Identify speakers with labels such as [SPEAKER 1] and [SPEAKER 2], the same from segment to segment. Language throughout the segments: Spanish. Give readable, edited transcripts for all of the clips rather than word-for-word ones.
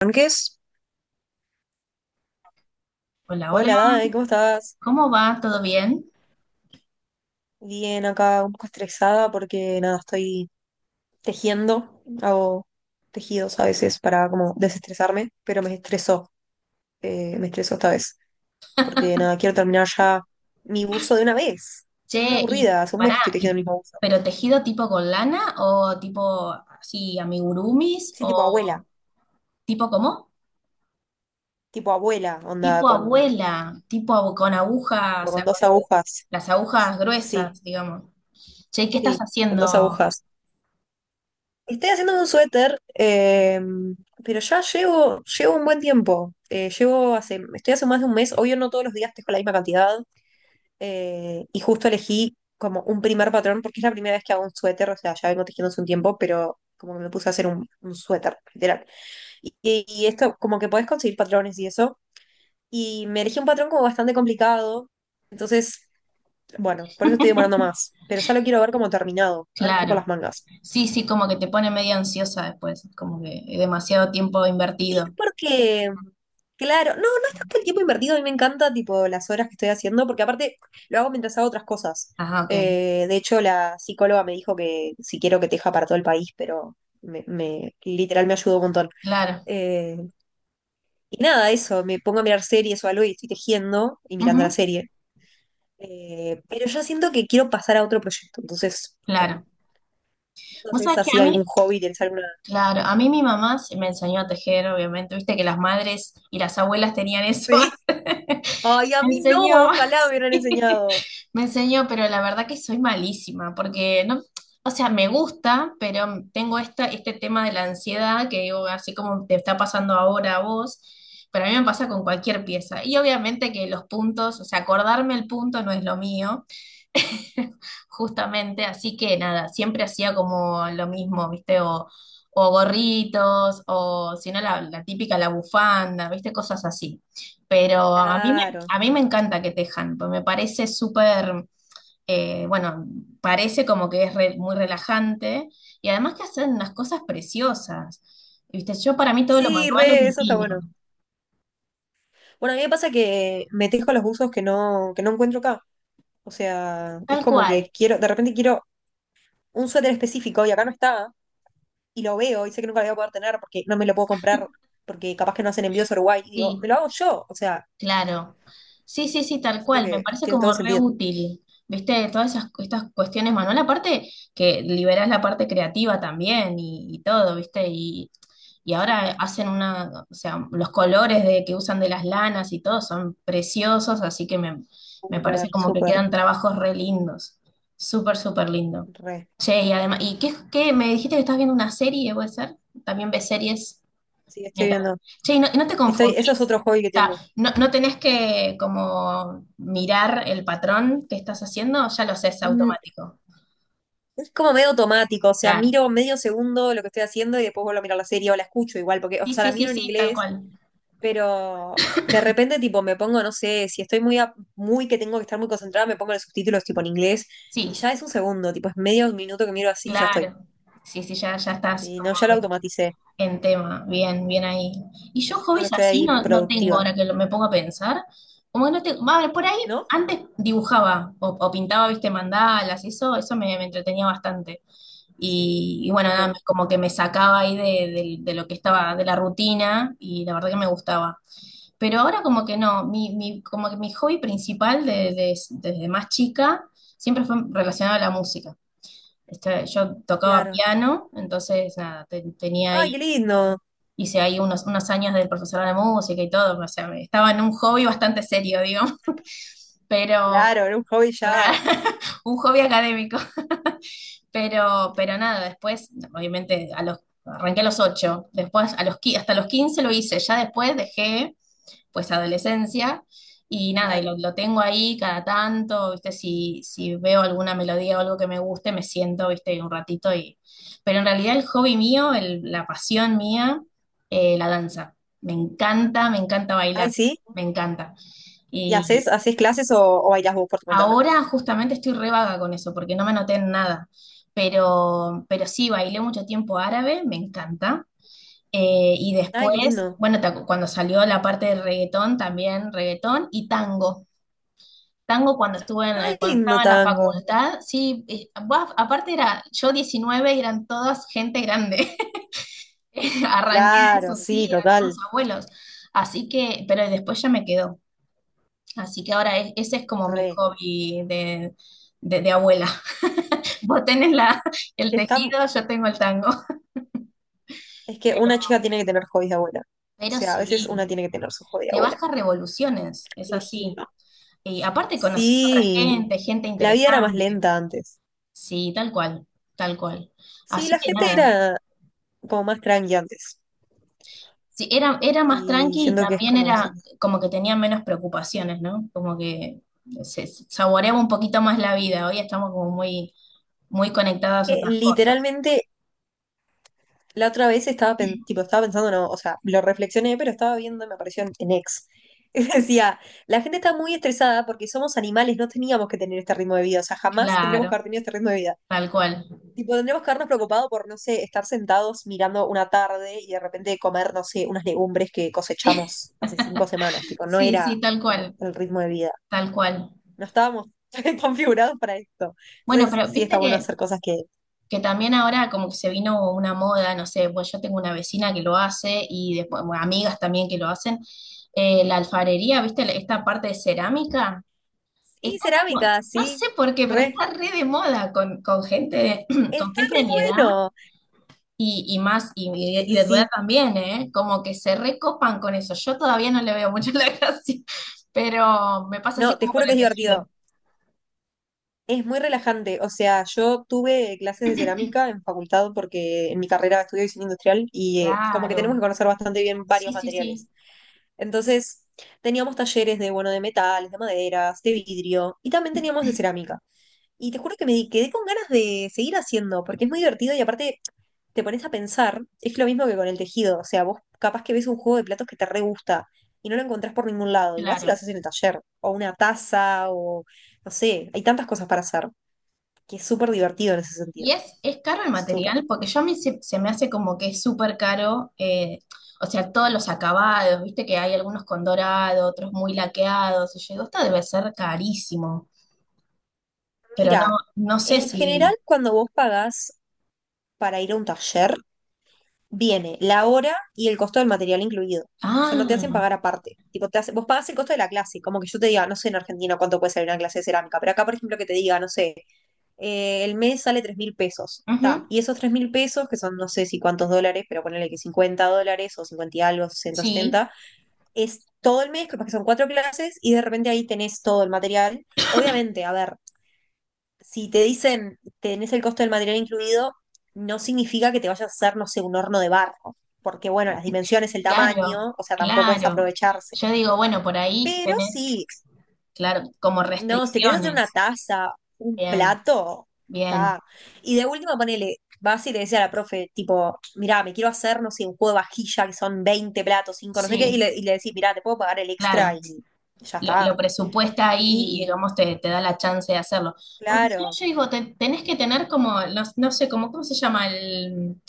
[SPEAKER 1] Blanques.
[SPEAKER 2] Hola, hola,
[SPEAKER 1] Hola, Dade, ¿cómo estás?
[SPEAKER 2] ¿cómo va? ¿Todo bien?
[SPEAKER 1] Bien, acá un poco estresada porque nada, estoy tejiendo, hago tejidos a veces para como desestresarme, pero me estresó esta vez, porque nada, quiero terminar ya mi buzo de una vez. Estoy muy
[SPEAKER 2] Che,
[SPEAKER 1] aburrida, hace un mes que estoy tejiendo el mismo buzo.
[SPEAKER 2] ¿pero tejido tipo con lana o tipo así amigurumis
[SPEAKER 1] Sí,
[SPEAKER 2] o tipo cómo?
[SPEAKER 1] tipo abuela, onda,
[SPEAKER 2] Tipo abuela, con agujas,
[SPEAKER 1] tipo
[SPEAKER 2] o
[SPEAKER 1] con
[SPEAKER 2] sea, con
[SPEAKER 1] dos agujas.
[SPEAKER 2] las agujas
[SPEAKER 1] Sí,
[SPEAKER 2] gruesas, digamos. Che, ¿qué estás
[SPEAKER 1] sí, con
[SPEAKER 2] haciendo?
[SPEAKER 1] dos agujas. Estoy haciendo un suéter, pero ya llevo un buen tiempo. Estoy hace más de un mes, obvio no todos los días tejo la misma cantidad, y justo elegí como un primer patrón, porque es la primera vez que hago un suéter, o sea, ya vengo tejiendo hace un tiempo, pero como que me puse a hacer un suéter, literal. Esto, como que podés conseguir patrones y eso, y me elegí un patrón como bastante complicado, entonces, bueno, por eso estoy demorando más, pero ya lo quiero ver como terminado, ahora estoy por las
[SPEAKER 2] Claro,
[SPEAKER 1] mangas.
[SPEAKER 2] sí, sí, como que te pone medio ansiosa después, como que demasiado tiempo
[SPEAKER 1] Sí,
[SPEAKER 2] invertido.
[SPEAKER 1] porque, claro, no es tanto el tiempo invertido, a mí me encanta, tipo, las horas que estoy haciendo, porque aparte lo hago mientras hago otras cosas.
[SPEAKER 2] Ajá, ok,
[SPEAKER 1] De hecho, la psicóloga me dijo que si quiero que teja para todo el país, pero literal me ayudó un montón.
[SPEAKER 2] claro,
[SPEAKER 1] Eh, y nada, eso, me pongo a mirar series o algo y estoy tejiendo y mirando la
[SPEAKER 2] ujú,
[SPEAKER 1] serie. Pero yo siento que quiero pasar a otro proyecto, entonces,
[SPEAKER 2] claro.
[SPEAKER 1] no
[SPEAKER 2] Vos
[SPEAKER 1] sé
[SPEAKER 2] sabés
[SPEAKER 1] si
[SPEAKER 2] que
[SPEAKER 1] así
[SPEAKER 2] a
[SPEAKER 1] algún
[SPEAKER 2] mí,
[SPEAKER 1] hobby, tienes alguna...
[SPEAKER 2] Claro, a mí mi mamá se me enseñó a tejer, obviamente, viste que las madres y las abuelas tenían eso
[SPEAKER 1] Sí.
[SPEAKER 2] antes.
[SPEAKER 1] Ay, a
[SPEAKER 2] Me
[SPEAKER 1] mí no,
[SPEAKER 2] enseñó.
[SPEAKER 1] ojalá me hubieran
[SPEAKER 2] Sí,
[SPEAKER 1] enseñado.
[SPEAKER 2] me enseñó, pero la verdad que soy malísima, porque no, o sea, me gusta, pero tengo este tema de la ansiedad que digo, así como te está pasando ahora a vos, pero a mí me pasa con cualquier pieza. Y obviamente que los puntos, o sea, acordarme el punto no es lo mío. Justamente, así que nada, siempre hacía como lo mismo, ¿viste? O gorritos, o si no, la típica, la bufanda, ¿viste? Cosas así. Pero
[SPEAKER 1] Claro.
[SPEAKER 2] a mí me encanta que tejan, pues me parece súper, bueno, parece como que es muy relajante y además que hacen unas cosas preciosas, ¿viste? Yo para mí todo lo
[SPEAKER 1] Sí,
[SPEAKER 2] manual es
[SPEAKER 1] re, eso está bueno.
[SPEAKER 2] divino,
[SPEAKER 1] Bueno, a mí me pasa que me tejo los buzos que no encuentro acá. O sea, es
[SPEAKER 2] tal
[SPEAKER 1] como que
[SPEAKER 2] cual,
[SPEAKER 1] quiero, de repente quiero un suéter específico y acá no está, y lo veo y sé que nunca lo voy a poder tener porque no me lo puedo comprar, porque capaz que no hacen envíos a Uruguay. Y digo, me
[SPEAKER 2] sí.
[SPEAKER 1] lo hago yo. O sea,
[SPEAKER 2] Claro. Sí, sí, sí, tal
[SPEAKER 1] siento
[SPEAKER 2] cual. Me
[SPEAKER 1] que
[SPEAKER 2] parece
[SPEAKER 1] tiene todo
[SPEAKER 2] como
[SPEAKER 1] el
[SPEAKER 2] re
[SPEAKER 1] sentido.
[SPEAKER 2] útil. ¿Viste? Estas cuestiones, Manuel. Aparte que liberas la parte creativa también y todo, ¿viste? Y ahora
[SPEAKER 1] Súper,
[SPEAKER 2] o sea, los colores de, que usan de las lanas y todo son preciosos, así me parece
[SPEAKER 1] súper,
[SPEAKER 2] como que
[SPEAKER 1] súper,
[SPEAKER 2] quedan trabajos re lindos. Súper, súper lindo.
[SPEAKER 1] re.
[SPEAKER 2] Che, y además, ¿qué? ¿Me dijiste que estás viendo una serie, puede ser? ¿También ves series?
[SPEAKER 1] Sí, estoy
[SPEAKER 2] Mental.
[SPEAKER 1] viendo.
[SPEAKER 2] Che, ¿y no te
[SPEAKER 1] Estoy, eso es
[SPEAKER 2] confundís?
[SPEAKER 1] otro hobby que
[SPEAKER 2] O sea,
[SPEAKER 1] tengo.
[SPEAKER 2] no tenés que como mirar el patrón que estás haciendo, ya lo sé, es
[SPEAKER 1] Mm,
[SPEAKER 2] automático.
[SPEAKER 1] Es como medio automático, o sea,
[SPEAKER 2] Claro.
[SPEAKER 1] miro medio segundo lo que estoy haciendo y después vuelvo a mirar la serie o la escucho igual, porque, o
[SPEAKER 2] Sí,
[SPEAKER 1] sea,
[SPEAKER 2] sí,
[SPEAKER 1] la
[SPEAKER 2] sí,
[SPEAKER 1] miro en
[SPEAKER 2] sí, tal
[SPEAKER 1] inglés.
[SPEAKER 2] cual.
[SPEAKER 1] Pero de repente, tipo, me pongo, no sé, si estoy muy que tengo que estar muy concentrada, me pongo los subtítulos, tipo, en inglés, y
[SPEAKER 2] Sí,
[SPEAKER 1] ya es un segundo, tipo, es medio minuto que miro así y ya estoy.
[SPEAKER 2] claro. Sí, sí, ya, ya estás
[SPEAKER 1] Sí,
[SPEAKER 2] como
[SPEAKER 1] no, ya lo automaticé.
[SPEAKER 2] en tema. Bien, bien ahí. Y yo
[SPEAKER 1] Siento que
[SPEAKER 2] hobbies
[SPEAKER 1] estoy
[SPEAKER 2] así
[SPEAKER 1] ahí
[SPEAKER 2] no, no tengo
[SPEAKER 1] productiva,
[SPEAKER 2] ahora me pongo a pensar. Como que no tengo. Va, por ahí
[SPEAKER 1] ¿no?
[SPEAKER 2] antes dibujaba o pintaba, viste, mandalas, eso, me entretenía bastante.
[SPEAKER 1] Sí,
[SPEAKER 2] Y bueno, nada,
[SPEAKER 1] súper,
[SPEAKER 2] como que me sacaba ahí de lo que estaba, de la rutina, y la verdad que me gustaba. Pero ahora como que no, como que mi hobby principal desde más chica siempre fue relacionado a la música. Este, yo tocaba
[SPEAKER 1] claro.
[SPEAKER 2] piano, entonces nada, tenía
[SPEAKER 1] Ay,
[SPEAKER 2] ahí,
[SPEAKER 1] qué lindo.
[SPEAKER 2] hice ahí unos, unos años de profesor de música y todo, o sea, estaba en un hobby bastante serio, digamos, pero
[SPEAKER 1] Claro, era un hobby ya.
[SPEAKER 2] claro, un hobby académico. Pero nada, después, obviamente, arranqué a los 8, después a los, hasta los 15 lo hice, ya después
[SPEAKER 1] Claro,
[SPEAKER 2] dejé, pues, adolescencia, y nada,
[SPEAKER 1] claro.
[SPEAKER 2] lo tengo ahí cada tanto, ¿viste? Si veo alguna melodía o algo que me guste, me siento, ¿viste? Un ratito y... Pero en realidad el hobby mío, la pasión mía, la danza. Me encanta
[SPEAKER 1] Ay,
[SPEAKER 2] bailar,
[SPEAKER 1] sí.
[SPEAKER 2] me encanta.
[SPEAKER 1] ¿Y haces clases o bailás vos por tu cuenta?
[SPEAKER 2] Ahora justamente estoy re vaga con eso, porque no me anoté en nada. Pero sí, bailé mucho tiempo árabe, me encanta. Y
[SPEAKER 1] Ay, qué
[SPEAKER 2] después,
[SPEAKER 1] lindo.
[SPEAKER 2] bueno, cuando salió la parte de reggaetón, también reggaetón y tango. Tango cuando estuve en,
[SPEAKER 1] Ay, qué
[SPEAKER 2] cuando
[SPEAKER 1] lindo
[SPEAKER 2] estaba en la
[SPEAKER 1] tango.
[SPEAKER 2] facultad, sí, buaf, aparte era yo 19 y eran todas gente grande. Arranqué
[SPEAKER 1] Claro,
[SPEAKER 2] eso,
[SPEAKER 1] sí,
[SPEAKER 2] sí, eran todos
[SPEAKER 1] total.
[SPEAKER 2] abuelos. Así que, pero después ya me quedó. Así que ahora ese es como mi
[SPEAKER 1] Re.
[SPEAKER 2] hobby de abuela. Vos tenés la,
[SPEAKER 1] Es
[SPEAKER 2] el
[SPEAKER 1] que está,
[SPEAKER 2] tejido, yo tengo el tango.
[SPEAKER 1] es que
[SPEAKER 2] Pero,
[SPEAKER 1] una chica tiene que tener hobbies de abuela. O
[SPEAKER 2] pero
[SPEAKER 1] sea, a veces una
[SPEAKER 2] sí,
[SPEAKER 1] tiene que tener su hobby de
[SPEAKER 2] te
[SPEAKER 1] abuela.
[SPEAKER 2] vas a revoluciones, es así.
[SPEAKER 1] Elegirlo.
[SPEAKER 2] Y aparte conoces otra
[SPEAKER 1] Sí,
[SPEAKER 2] gente, gente
[SPEAKER 1] la vida era más
[SPEAKER 2] interesante.
[SPEAKER 1] lenta antes.
[SPEAKER 2] Sí, tal cual, tal cual.
[SPEAKER 1] Sí,
[SPEAKER 2] Así
[SPEAKER 1] la
[SPEAKER 2] que
[SPEAKER 1] gente
[SPEAKER 2] nada.
[SPEAKER 1] era como más tranqui antes.
[SPEAKER 2] Sí, era, era más
[SPEAKER 1] Y
[SPEAKER 2] tranqui y
[SPEAKER 1] siento que es
[SPEAKER 2] también
[SPEAKER 1] como si...
[SPEAKER 2] era como que tenía menos preocupaciones, ¿no? Como que se saboreaba un poquito más la vida. Hoy estamos como muy, muy conectadas a
[SPEAKER 1] que
[SPEAKER 2] otras cosas.
[SPEAKER 1] literalmente, la otra vez tipo, estaba pensando, no, o sea, lo reflexioné, pero estaba viendo, y me apareció en X. Y decía, la gente está muy estresada porque somos animales, no teníamos que tener este ritmo de vida, o sea, jamás tendríamos
[SPEAKER 2] Claro,
[SPEAKER 1] que haber tenido este ritmo de vida.
[SPEAKER 2] tal cual.
[SPEAKER 1] Tipo, tendríamos que habernos preocupado por, no sé, estar sentados mirando una tarde y de repente comer, no sé, unas legumbres que cosechamos hace 5 semanas. Tipo, no
[SPEAKER 2] Sí,
[SPEAKER 1] era
[SPEAKER 2] sí, tal
[SPEAKER 1] como
[SPEAKER 2] cual,
[SPEAKER 1] el ritmo de vida.
[SPEAKER 2] tal cual.
[SPEAKER 1] No estábamos configurados para esto.
[SPEAKER 2] Bueno,
[SPEAKER 1] Entonces,
[SPEAKER 2] pero
[SPEAKER 1] sí
[SPEAKER 2] viste
[SPEAKER 1] está bueno
[SPEAKER 2] que
[SPEAKER 1] hacer cosas que...
[SPEAKER 2] Que también ahora como que se vino una moda, no sé, pues yo tengo una vecina que lo hace y después, bueno, amigas también que lo hacen. La alfarería, ¿viste? Esta parte de cerámica,
[SPEAKER 1] Sí,
[SPEAKER 2] está como,
[SPEAKER 1] cerámica,
[SPEAKER 2] no
[SPEAKER 1] sí.
[SPEAKER 2] sé por qué, pero
[SPEAKER 1] Re.
[SPEAKER 2] está re de moda con gente de, con
[SPEAKER 1] Está
[SPEAKER 2] gente
[SPEAKER 1] re
[SPEAKER 2] de mi edad
[SPEAKER 1] bueno.
[SPEAKER 2] y más, y de tu edad
[SPEAKER 1] Sí.
[SPEAKER 2] también, ¿eh? Como que se recopan con eso. Yo todavía no le veo mucho la gracia, pero me pasa así
[SPEAKER 1] No, te
[SPEAKER 2] como con
[SPEAKER 1] juro que
[SPEAKER 2] el
[SPEAKER 1] es divertido.
[SPEAKER 2] tejido.
[SPEAKER 1] Es muy relajante. O sea, yo tuve clases de cerámica en facultad porque en mi carrera estudio diseño industrial y como que tenemos
[SPEAKER 2] Claro,
[SPEAKER 1] que conocer bastante bien
[SPEAKER 2] sí,
[SPEAKER 1] varios
[SPEAKER 2] sí, sí,
[SPEAKER 1] materiales. Entonces, teníamos talleres de, bueno, de metales, de maderas, de vidrio y también teníamos de cerámica. Y te juro que quedé con ganas de seguir haciendo, porque es muy divertido y aparte te pones a pensar, es lo mismo que con el tejido, o sea, vos capaz que ves un juego de platos que te re gusta y no lo encontrás por ningún lado y vas y lo
[SPEAKER 2] claro.
[SPEAKER 1] haces en el taller, o una taza, o no sé, hay tantas cosas para hacer, que es súper divertido en ese sentido,
[SPEAKER 2] Y es caro el
[SPEAKER 1] súper.
[SPEAKER 2] material porque yo a mí se, se me hace como que es súper caro, o sea, todos los acabados, viste que hay algunos con dorado, otros muy laqueados, y yo digo, esto debe ser carísimo, pero no,
[SPEAKER 1] Mira,
[SPEAKER 2] no sé
[SPEAKER 1] en
[SPEAKER 2] si...
[SPEAKER 1] general cuando vos pagás para ir a un taller, viene la hora y el costo del material incluido. O sea,
[SPEAKER 2] Ah,
[SPEAKER 1] no te hacen pagar aparte. Tipo, vos pagas el costo de la clase. Como que yo te diga, no sé en Argentina cuánto puede salir una clase de cerámica, pero acá, por ejemplo, que te diga, no sé, el mes sale 3.000 pesos. Ta,
[SPEAKER 2] ujú,
[SPEAKER 1] y esos 3.000 pesos, que son no sé si cuántos dólares, pero ponele que 50 dólares o 50 y algo, 60,
[SPEAKER 2] sí,
[SPEAKER 1] 70 es todo el mes, capaz que son cuatro clases y de repente ahí tenés todo el material. Obviamente, a ver, si te dicen tenés el costo del material incluido, no significa que te vayas a hacer, no sé, un horno de barro, porque bueno, las dimensiones, el
[SPEAKER 2] claro,
[SPEAKER 1] tamaño, o sea, tampoco es
[SPEAKER 2] claro.
[SPEAKER 1] aprovecharse.
[SPEAKER 2] Yo digo, bueno, por ahí
[SPEAKER 1] Pero
[SPEAKER 2] tenés,
[SPEAKER 1] sí,
[SPEAKER 2] claro, como
[SPEAKER 1] no, si te querés hacer una
[SPEAKER 2] restricciones.
[SPEAKER 1] taza, un
[SPEAKER 2] Bien,
[SPEAKER 1] plato,
[SPEAKER 2] bien,
[SPEAKER 1] está. Y de última, ponele, vas y le decís a la profe, tipo, mirá, me quiero hacer, no sé, un juego de vajilla que son 20 platos, cinco no sé qué, y
[SPEAKER 2] sí,
[SPEAKER 1] le, y le decís, mirá, te puedo pagar el extra
[SPEAKER 2] claro.
[SPEAKER 1] y ya
[SPEAKER 2] Lo
[SPEAKER 1] está.
[SPEAKER 2] presupuesta ahí y
[SPEAKER 1] Y
[SPEAKER 2] digamos te da la chance de hacerlo. Porque si no,
[SPEAKER 1] claro.
[SPEAKER 2] yo digo, tenés que tener como, no, no sé, como, ¿cómo se llama el,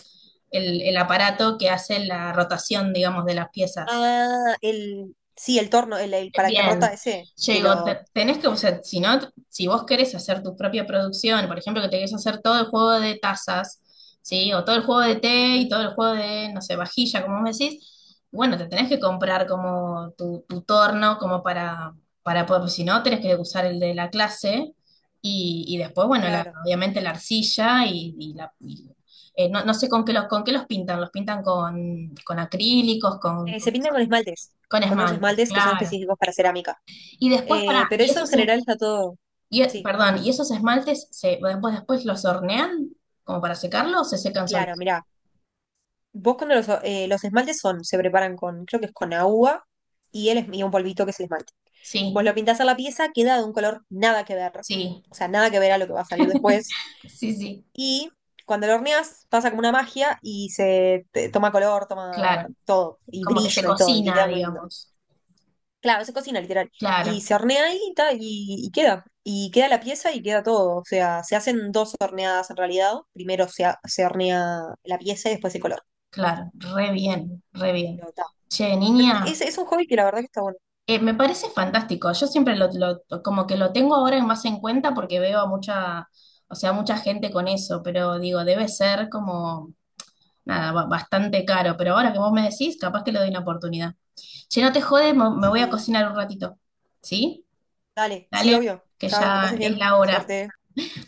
[SPEAKER 2] el, el aparato que hace la rotación, digamos, de las piezas?
[SPEAKER 1] Ah, el, sí, el torno, el paracarrota
[SPEAKER 2] Bien,
[SPEAKER 1] ese,
[SPEAKER 2] yo
[SPEAKER 1] que
[SPEAKER 2] digo,
[SPEAKER 1] lo...
[SPEAKER 2] tenés que, o sea, si no, si vos querés hacer tu propia producción, por ejemplo, que te querés hacer todo el juego de tazas, ¿sí? O todo el juego de té y
[SPEAKER 1] Ujú,
[SPEAKER 2] todo el juego de, no sé, vajilla, como vos decís, bueno, te tenés que comprar como tu torno, como para poder, pues, si no, tenés que usar el de la clase y después, bueno,
[SPEAKER 1] claro.
[SPEAKER 2] obviamente la arcilla y la... no, no sé con qué los pintan con acrílicos,
[SPEAKER 1] Se pintan con esmaltes,
[SPEAKER 2] con
[SPEAKER 1] con unos
[SPEAKER 2] esmaltes,
[SPEAKER 1] esmaltes que son
[SPEAKER 2] claro.
[SPEAKER 1] específicos para cerámica.
[SPEAKER 2] Y después, para,
[SPEAKER 1] Pero
[SPEAKER 2] y
[SPEAKER 1] eso en
[SPEAKER 2] esos, es-
[SPEAKER 1] general está todo...
[SPEAKER 2] y-
[SPEAKER 1] Sí,
[SPEAKER 2] perdón, ¿y esos esmaltes se, después, después los hornean como para secarlos o se secan
[SPEAKER 1] claro,
[SPEAKER 2] solos?
[SPEAKER 1] mirá. Vos cuando los esmaltes son, se preparan con, creo que es con agua y un polvito que es el esmalte. Vos
[SPEAKER 2] Sí,
[SPEAKER 1] lo pintás a la pieza, queda de un color nada que ver.
[SPEAKER 2] sí,
[SPEAKER 1] O sea, nada que ver a lo que va a salir después.
[SPEAKER 2] sí, sí,
[SPEAKER 1] Y cuando lo horneas, pasa como una magia y toma color, toma
[SPEAKER 2] claro.
[SPEAKER 1] todo, y
[SPEAKER 2] Como que se
[SPEAKER 1] brillo y todo, y
[SPEAKER 2] cocina,
[SPEAKER 1] queda muy lindo.
[SPEAKER 2] digamos.
[SPEAKER 1] Claro, se cocina literal. Y
[SPEAKER 2] Claro,
[SPEAKER 1] se hornea ahí y, ta, y queda. Y queda la pieza y queda todo. O sea, se hacen dos horneadas en realidad. Primero se hornea la pieza y después el color.
[SPEAKER 2] claro, re bien, re bien.
[SPEAKER 1] Pero, ta.
[SPEAKER 2] Che,
[SPEAKER 1] Pero
[SPEAKER 2] niña,
[SPEAKER 1] es un hobby que la verdad que está bueno.
[SPEAKER 2] me parece fantástico. Yo siempre lo- como que lo tengo ahora más en cuenta porque veo a mucha, o sea, mucha gente con eso, pero digo, debe ser como, nada, bastante caro. Pero ahora que vos me decís, capaz que le doy una oportunidad. Che, no te jodes, me voy a
[SPEAKER 1] Sí.
[SPEAKER 2] cocinar un ratito. ¿Sí?
[SPEAKER 1] Dale, sí,
[SPEAKER 2] Dale,
[SPEAKER 1] obvio.
[SPEAKER 2] que
[SPEAKER 1] Chao, que
[SPEAKER 2] ya
[SPEAKER 1] pases bien.
[SPEAKER 2] es la hora.
[SPEAKER 1] Suerte.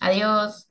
[SPEAKER 2] Adiós.